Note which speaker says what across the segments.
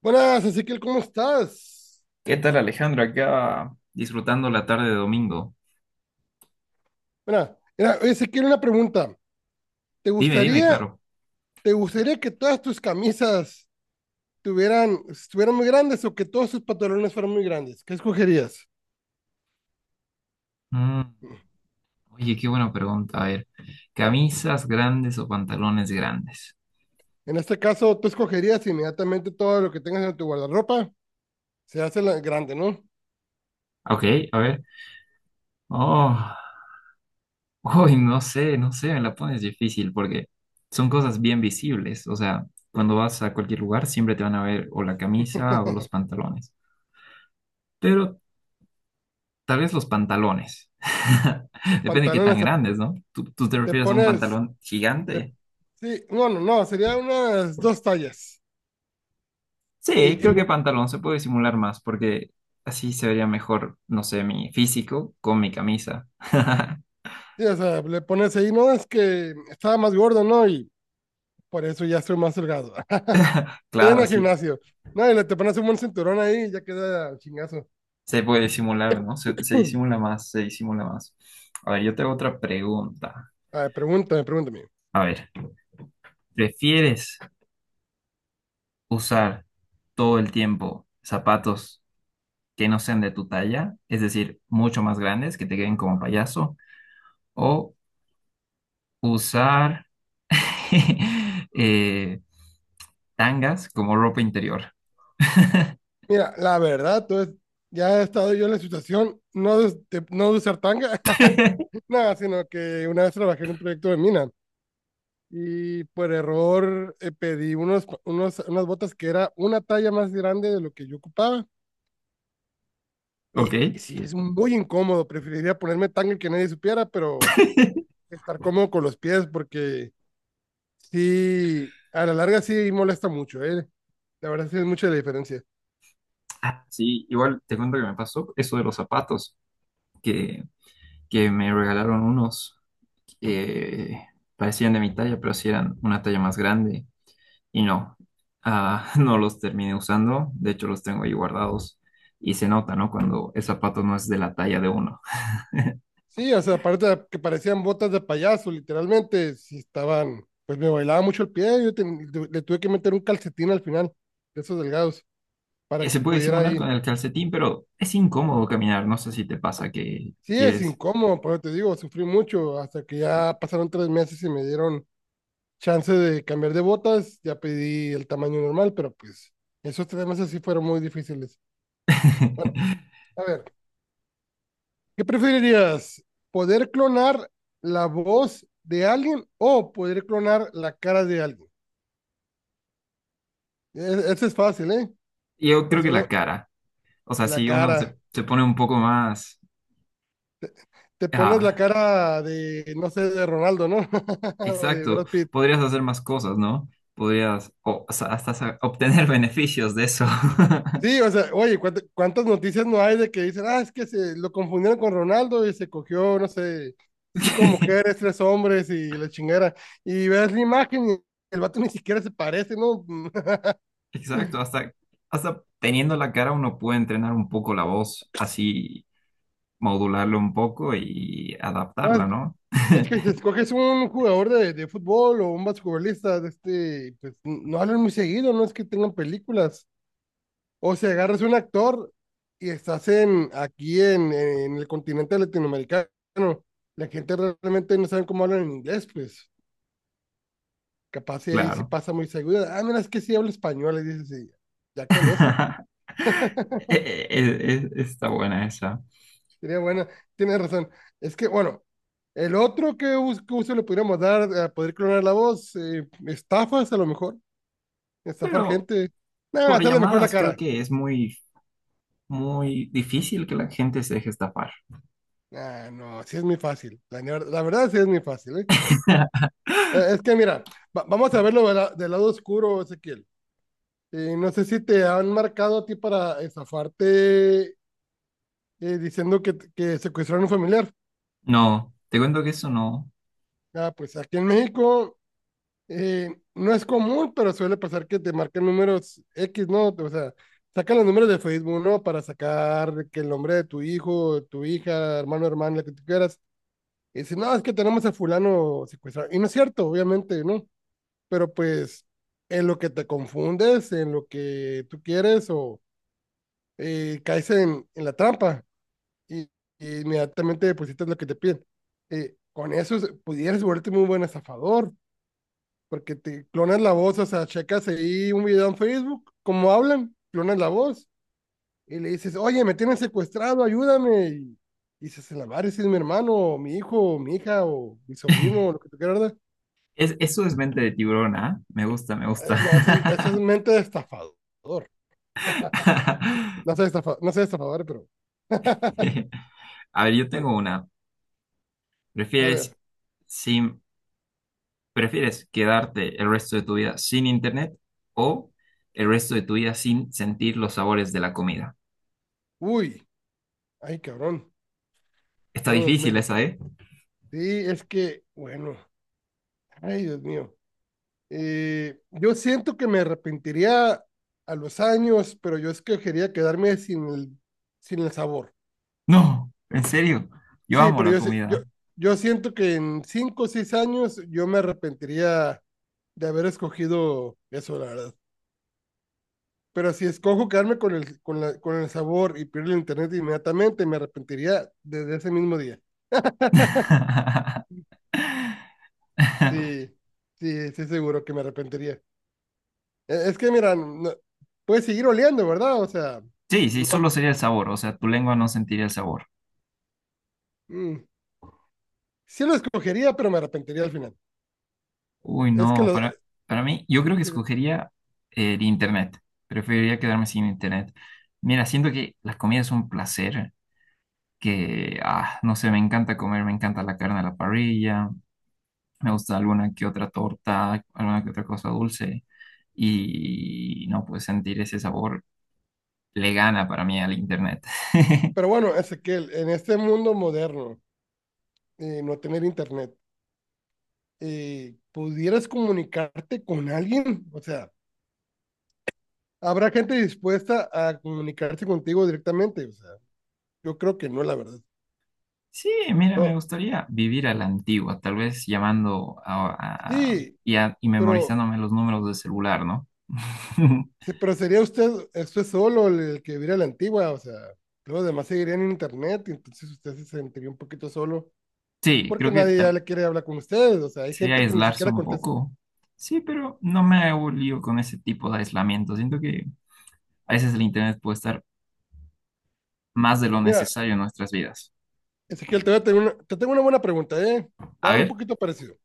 Speaker 1: Buenas, Ezequiel, ¿cómo estás?
Speaker 2: ¿Qué tal, Alejandro? Acá disfrutando la tarde de domingo.
Speaker 1: Mira, mira, Ezequiel, una pregunta. ¿Te
Speaker 2: Dime, dime,
Speaker 1: gustaría,
Speaker 2: claro.
Speaker 1: te gustaría que todas tus camisas estuvieran muy grandes o que todos tus pantalones fueran muy grandes? ¿Qué escogerías?
Speaker 2: Mm, Oye, qué buena pregunta. A ver, ¿camisas grandes o pantalones grandes?
Speaker 1: En este caso, tú escogerías inmediatamente todo lo que tengas en tu guardarropa, se hace grande, ¿no?
Speaker 2: Ok, a ver. Oh, no sé, no sé, me la pones difícil porque son cosas bien visibles. O sea, cuando vas a cualquier lugar siempre te van a ver o la camisa o los pantalones. Pero tal vez los pantalones.
Speaker 1: Los
Speaker 2: Depende de qué tan
Speaker 1: pantalones, te,
Speaker 2: grandes, ¿no? ¿Tú te
Speaker 1: te
Speaker 2: refieres a un
Speaker 1: pones,
Speaker 2: pantalón
Speaker 1: te-
Speaker 2: gigante?
Speaker 1: sí, no, no, no, sería unas 2 tallas. Y,
Speaker 2: Sí,
Speaker 1: y,
Speaker 2: creo que pantalón se puede disimular más porque así se vería mejor, no sé, mi físico con mi camisa.
Speaker 1: sí, o sea, le pones ahí, no, es que estaba más gordo, ¿no? Y por eso ya estoy más delgado. Estoy
Speaker 2: Claro,
Speaker 1: en el
Speaker 2: así
Speaker 1: gimnasio. No, y le te pones un buen cinturón ahí y ya queda chingazo.
Speaker 2: se puede disimular, ¿no? Se disimula más, se disimula más. A ver, yo te hago otra pregunta.
Speaker 1: A ver, pregúntame, pregúntame.
Speaker 2: A ver, ¿prefieres usar todo el tiempo zapatos que no sean de tu talla? Es decir, mucho más grandes, que te queden como payaso, o usar eh, tangas como ropa interior.
Speaker 1: Mira, la verdad, entonces, ya he estado yo en la situación, no de usar tanga, nada, sino que una vez trabajé en un proyecto de mina y por error pedí unas botas que era una talla más grande de lo que yo ocupaba.
Speaker 2: Ok.
Speaker 1: Y sí, es muy incómodo, preferiría ponerme tanga y que nadie supiera, pero estar cómodo con los pies porque sí, a la larga sí molesta mucho, ¿eh? La verdad sí es mucha la diferencia.
Speaker 2: Ah, sí, igual te cuento que me pasó eso de los zapatos, que, que me regalaron unos que parecían de mi talla, pero sí eran una talla más grande y no, ah, no los terminé usando, de hecho los tengo ahí guardados y se nota, ¿no? Cuando el zapato no es de la talla de uno.
Speaker 1: Sí, o sea, aparte de que parecían botas de payaso, literalmente, sí estaban, pues me bailaba mucho el pie, le tuve que meter un calcetín al final, de esos delgados, para que
Speaker 2: Se puede
Speaker 1: pudiera
Speaker 2: simular
Speaker 1: ahí.
Speaker 2: con el calcetín, pero es incómodo caminar, no sé si te pasa que
Speaker 1: Sí, es
Speaker 2: quieres...
Speaker 1: incómodo, pero te digo, sufrí mucho, hasta que ya pasaron 3 meses y me dieron chance de cambiar de botas, ya pedí el tamaño normal, pero pues esos 3 meses sí fueron muy difíciles. Bueno, a ver, ¿qué preferirías? ¿Poder clonar la voz de alguien o poder clonar la cara de alguien? Ese es fácil, ¿eh?
Speaker 2: Yo creo que
Speaker 1: Persona,
Speaker 2: la cara, o sea,
Speaker 1: la
Speaker 2: si uno
Speaker 1: cara.
Speaker 2: se pone un poco más...
Speaker 1: Te pones la
Speaker 2: ah,
Speaker 1: cara de, no sé, de Ronaldo, ¿no? O de
Speaker 2: exacto,
Speaker 1: Brad Pitt.
Speaker 2: podrías hacer más cosas, ¿no? Podrías o sea, hasta obtener beneficios de eso.
Speaker 1: Sí, o sea, oye, ¿cuántas noticias no hay de que dicen, ah, es que se lo confundieron con Ronaldo y se cogió, no sé, cinco
Speaker 2: Que-
Speaker 1: mujeres, tres hombres y la chingera? Y ves la imagen y el vato ni siquiera se parece, ¿no?
Speaker 2: Exacto, hasta, hasta teniendo la cara uno puede entrenar un poco la voz, así modularlo un poco y
Speaker 1: Ah,
Speaker 2: adaptarla, ¿no?
Speaker 1: es que si escoges un jugador de fútbol o un basquetbolista de este, pues no hablan muy seguido, no es que tengan películas. O si agarras un actor y estás aquí en el continente latinoamericano, la gente realmente no sabe cómo hablan en inglés, pues capaz y ahí sí
Speaker 2: Claro.
Speaker 1: pasa muy seguido. Ah, mira, es que sí habla español, y dices, sí, ya con eso,
Speaker 2: E- e- Está buena esa.
Speaker 1: sería buena, tienes razón. Es que, bueno, el otro que uso le podríamos dar a poder clonar la voz, estafas a lo mejor. Estafar
Speaker 2: Pero
Speaker 1: gente. Nah,
Speaker 2: por
Speaker 1: sale mejor la
Speaker 2: llamadas creo
Speaker 1: cara.
Speaker 2: que es muy, muy difícil que la gente se deje estafar.
Speaker 1: Ah, no, sí es muy fácil. La verdad sí es muy fácil, ¿eh? Es que mira, vamos a verlo de del lado oscuro, Ezequiel. No sé si te han marcado a ti para estafarte diciendo que secuestraron a un familiar.
Speaker 2: No, te cuento que eso no.
Speaker 1: Ah, pues aquí en México eh, no es común, pero suele pasar que te marquen números X, ¿no? O sea, sacan los números de Facebook, ¿no? Para sacar que el nombre de tu hijo, tu hija, hermano, hermana, lo que tú quieras. Y dice, no, es que tenemos a fulano secuestrado. Y no es cierto, obviamente, ¿no? Pero pues en lo que te confundes, en lo que tú quieres o caes en la trampa y, y inmediatamente depositas lo que te piden. Con eso pudieras volverte muy buen estafador, porque te clonas la voz, o sea, checas ahí un video en Facebook, cómo hablan, clonas la voz y le dices, oye, me tienen secuestrado, ayúdame. Y dices, la madre, si es mi hermano, o mi hijo, o mi hija, o mi sobrino, o lo que tú quieras, ¿verdad?
Speaker 2: Es, eso es mente de tiburón, ¿ah? Me gusta, me gusta.
Speaker 1: No, esa es mente de estafador. No sé, estafa, no sé estafador, pero
Speaker 2: A ver, yo
Speaker 1: bueno,
Speaker 2: tengo una.
Speaker 1: a
Speaker 2: ¿Prefieres
Speaker 1: ver.
Speaker 2: sin, prefieres quedarte el resto de tu vida sin internet o el resto de tu vida sin sentir los sabores de la comida?
Speaker 1: Uy, ay, cabrón.
Speaker 2: Está
Speaker 1: No,
Speaker 2: difícil esa, ¿eh?
Speaker 1: sí, es que, bueno, ay, Dios mío. Yo siento que me arrepentiría a los años, pero yo es que quería quedarme sin el sabor.
Speaker 2: No, en serio. Yo
Speaker 1: Sí,
Speaker 2: amo
Speaker 1: pero
Speaker 2: la
Speaker 1: yo, sí- yo,
Speaker 2: comida.
Speaker 1: yo siento que en 5 o 6 años yo me arrepentiría de haber escogido eso, la verdad. Pero si escojo quedarme con el sabor y pierdo el internet inmediatamente, me arrepentiría desde ese mismo día. Sí, sí, sí, seguro que me arrepentiría. Es que, mira, puede seguir oliendo, ¿verdad? O sea,
Speaker 2: Sí, sí,
Speaker 1: no.
Speaker 2: solo sería el sabor, o sea, tu lengua no sentiría el sabor.
Speaker 1: mm, sí lo escogería, pero me arrepentiría al final.
Speaker 2: Uy,
Speaker 1: Es que
Speaker 2: no,
Speaker 1: lo.
Speaker 2: para mí, yo creo que escogería el internet. Preferiría quedarme sin internet. Mira, siento que las comidas son un placer, que, ah, no sé, me encanta comer, me encanta la carne a la parrilla, me gusta alguna que otra torta, alguna que otra cosa dulce, y no, pues sentir ese sabor le gana para mí al internet.
Speaker 1: Pero bueno, Ezequiel, en este mundo moderno, no tener internet, ¿pudieras comunicarte con alguien? O sea, ¿habrá gente dispuesta a comunicarse contigo directamente? O sea. Yo creo que no, la verdad.
Speaker 2: Sí, mira, me
Speaker 1: No,
Speaker 2: gustaría vivir a la antigua, tal vez llamando
Speaker 1: sí,
Speaker 2: y, y
Speaker 1: pero,
Speaker 2: memorizándome los números de celular, ¿no?
Speaker 1: sí, pero sería usted solo el que viviera la antigua, o sea, los demás seguirían en internet, y entonces usted se sentiría un poquito solo,
Speaker 2: Sí,
Speaker 1: porque
Speaker 2: creo que
Speaker 1: nadie ya le quiere hablar con ustedes, o sea, hay
Speaker 2: sería
Speaker 1: gente que ni
Speaker 2: aislarse
Speaker 1: siquiera
Speaker 2: un
Speaker 1: contesta.
Speaker 2: poco. Sí, pero no me hago lío con ese tipo de aislamiento. Siento que a veces el internet puede estar más de lo
Speaker 1: Mira,
Speaker 2: necesario en nuestras vidas.
Speaker 1: Ezequiel, te, voy a tener una, te tengo una buena pregunta, ¿eh?
Speaker 2: A
Speaker 1: Va un
Speaker 2: ver,
Speaker 1: poquito parecido.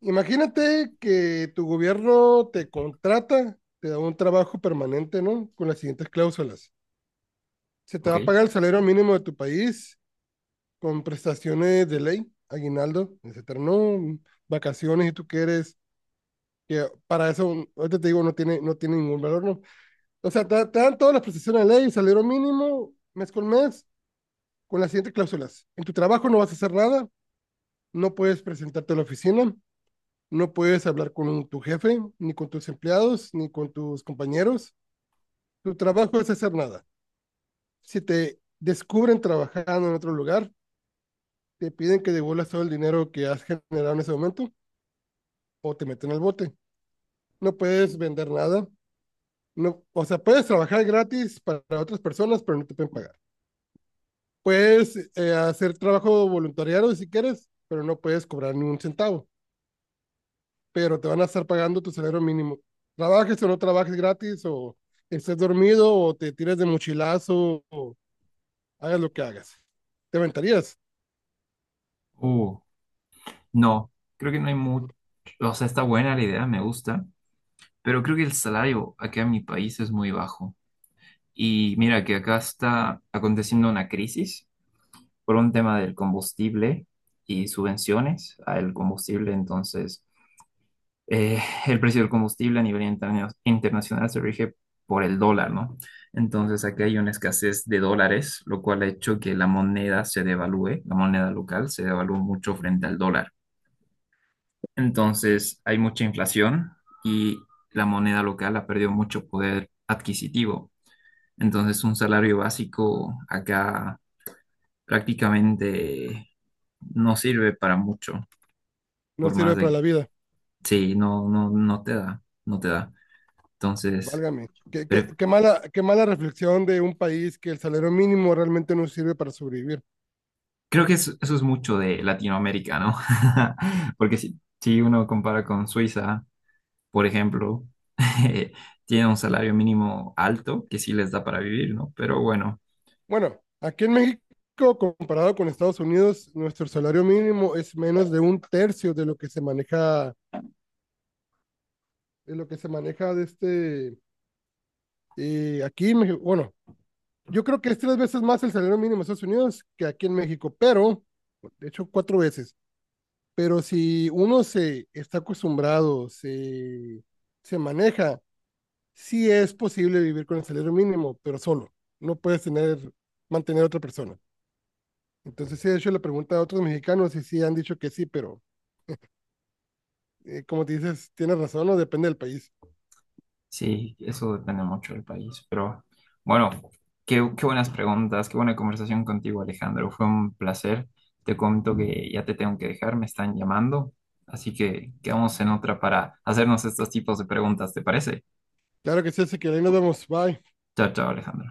Speaker 1: Imagínate que tu gobierno te contrata, te da un trabajo permanente, ¿no? Con las siguientes cláusulas. Se te
Speaker 2: ok.
Speaker 1: va a pagar el salario mínimo de tu país, con prestaciones de ley, aguinaldo, etcétera, no, vacaciones si tú quieres, que para eso, ahorita te digo, no tiene ningún valor, no. O sea, te dan todas las prestaciones de ley, salario mínimo, mes, con las siguientes cláusulas. En tu trabajo no vas a hacer nada, no puedes presentarte a la oficina, no puedes hablar con tu jefe, ni con tus empleados, ni con tus compañeros. Tu trabajo es hacer nada. Si te descubren trabajando en otro lugar, te piden que devuelvas todo el dinero que has generado en ese momento o te meten al bote. No puedes vender nada. No, o sea, puedes trabajar gratis para otras personas, pero no te pueden pagar. Puedes hacer trabajo voluntariado si quieres, pero no puedes cobrar ni un centavo. Pero te van a estar pagando tu salario mínimo. Trabajes o no trabajes gratis, o estés dormido, o te tires de mochilazo, o hagas lo que hagas. Te aventarías.
Speaker 2: Uh, no, creo que no hay mucho. O sea, está buena la idea, me gusta. Pero creo que el salario acá en mi país es muy bajo. Y mira que acá está aconteciendo una crisis por un tema del combustible y subvenciones al combustible. Entonces, eh, el precio del combustible a nivel internacional se rige por el dólar, ¿no? Entonces aquí hay una escasez de dólares, lo cual ha hecho que la moneda se devalúe, la moneda local se devalúa mucho frente al dólar. Entonces hay mucha inflación y la moneda local ha perdido mucho poder adquisitivo. Entonces un salario básico acá prácticamente no sirve para mucho,
Speaker 1: No
Speaker 2: por más
Speaker 1: sirve para
Speaker 2: de...
Speaker 1: la vida.
Speaker 2: Sí, no, no, no te da, no te da. Entonces...
Speaker 1: Válgame. Qué, qué,
Speaker 2: pre-
Speaker 1: qué mala, qué mala reflexión de un país que el salario mínimo realmente no sirve para sobrevivir.
Speaker 2: Creo que eso es mucho de Latinoamérica, ¿no? Porque si uno compara con Suiza, por ejemplo, eh, tiene un salario mínimo alto que sí les da para vivir, ¿no? Pero bueno,
Speaker 1: Bueno, aquí en México, comparado con Estados Unidos, nuestro salario mínimo es menos de un tercio de lo que se maneja aquí en México. Bueno, yo creo que es tres veces más el salario mínimo en Estados Unidos que aquí en México, pero, de hecho, cuatro veces. Pero si uno se está acostumbrado, se maneja, sí es posible vivir con el salario mínimo, pero solo. No puedes mantener a otra persona. Entonces sí de hecho le pregunta a otros mexicanos y sí han dicho que sí, pero como te dices, tienes razón, no depende del país.
Speaker 2: sí, eso depende mucho del país. Pero bueno, qué, qué buenas preguntas, qué buena conversación contigo, Alejandro. Fue un placer. Te comento que ya te tengo que dejar, me están llamando. Así que quedamos en otra para hacernos estos tipos de preguntas, ¿te parece?
Speaker 1: Claro que sí, así que ahí nos vemos. Bye.
Speaker 2: Chao, chao, Alejandro.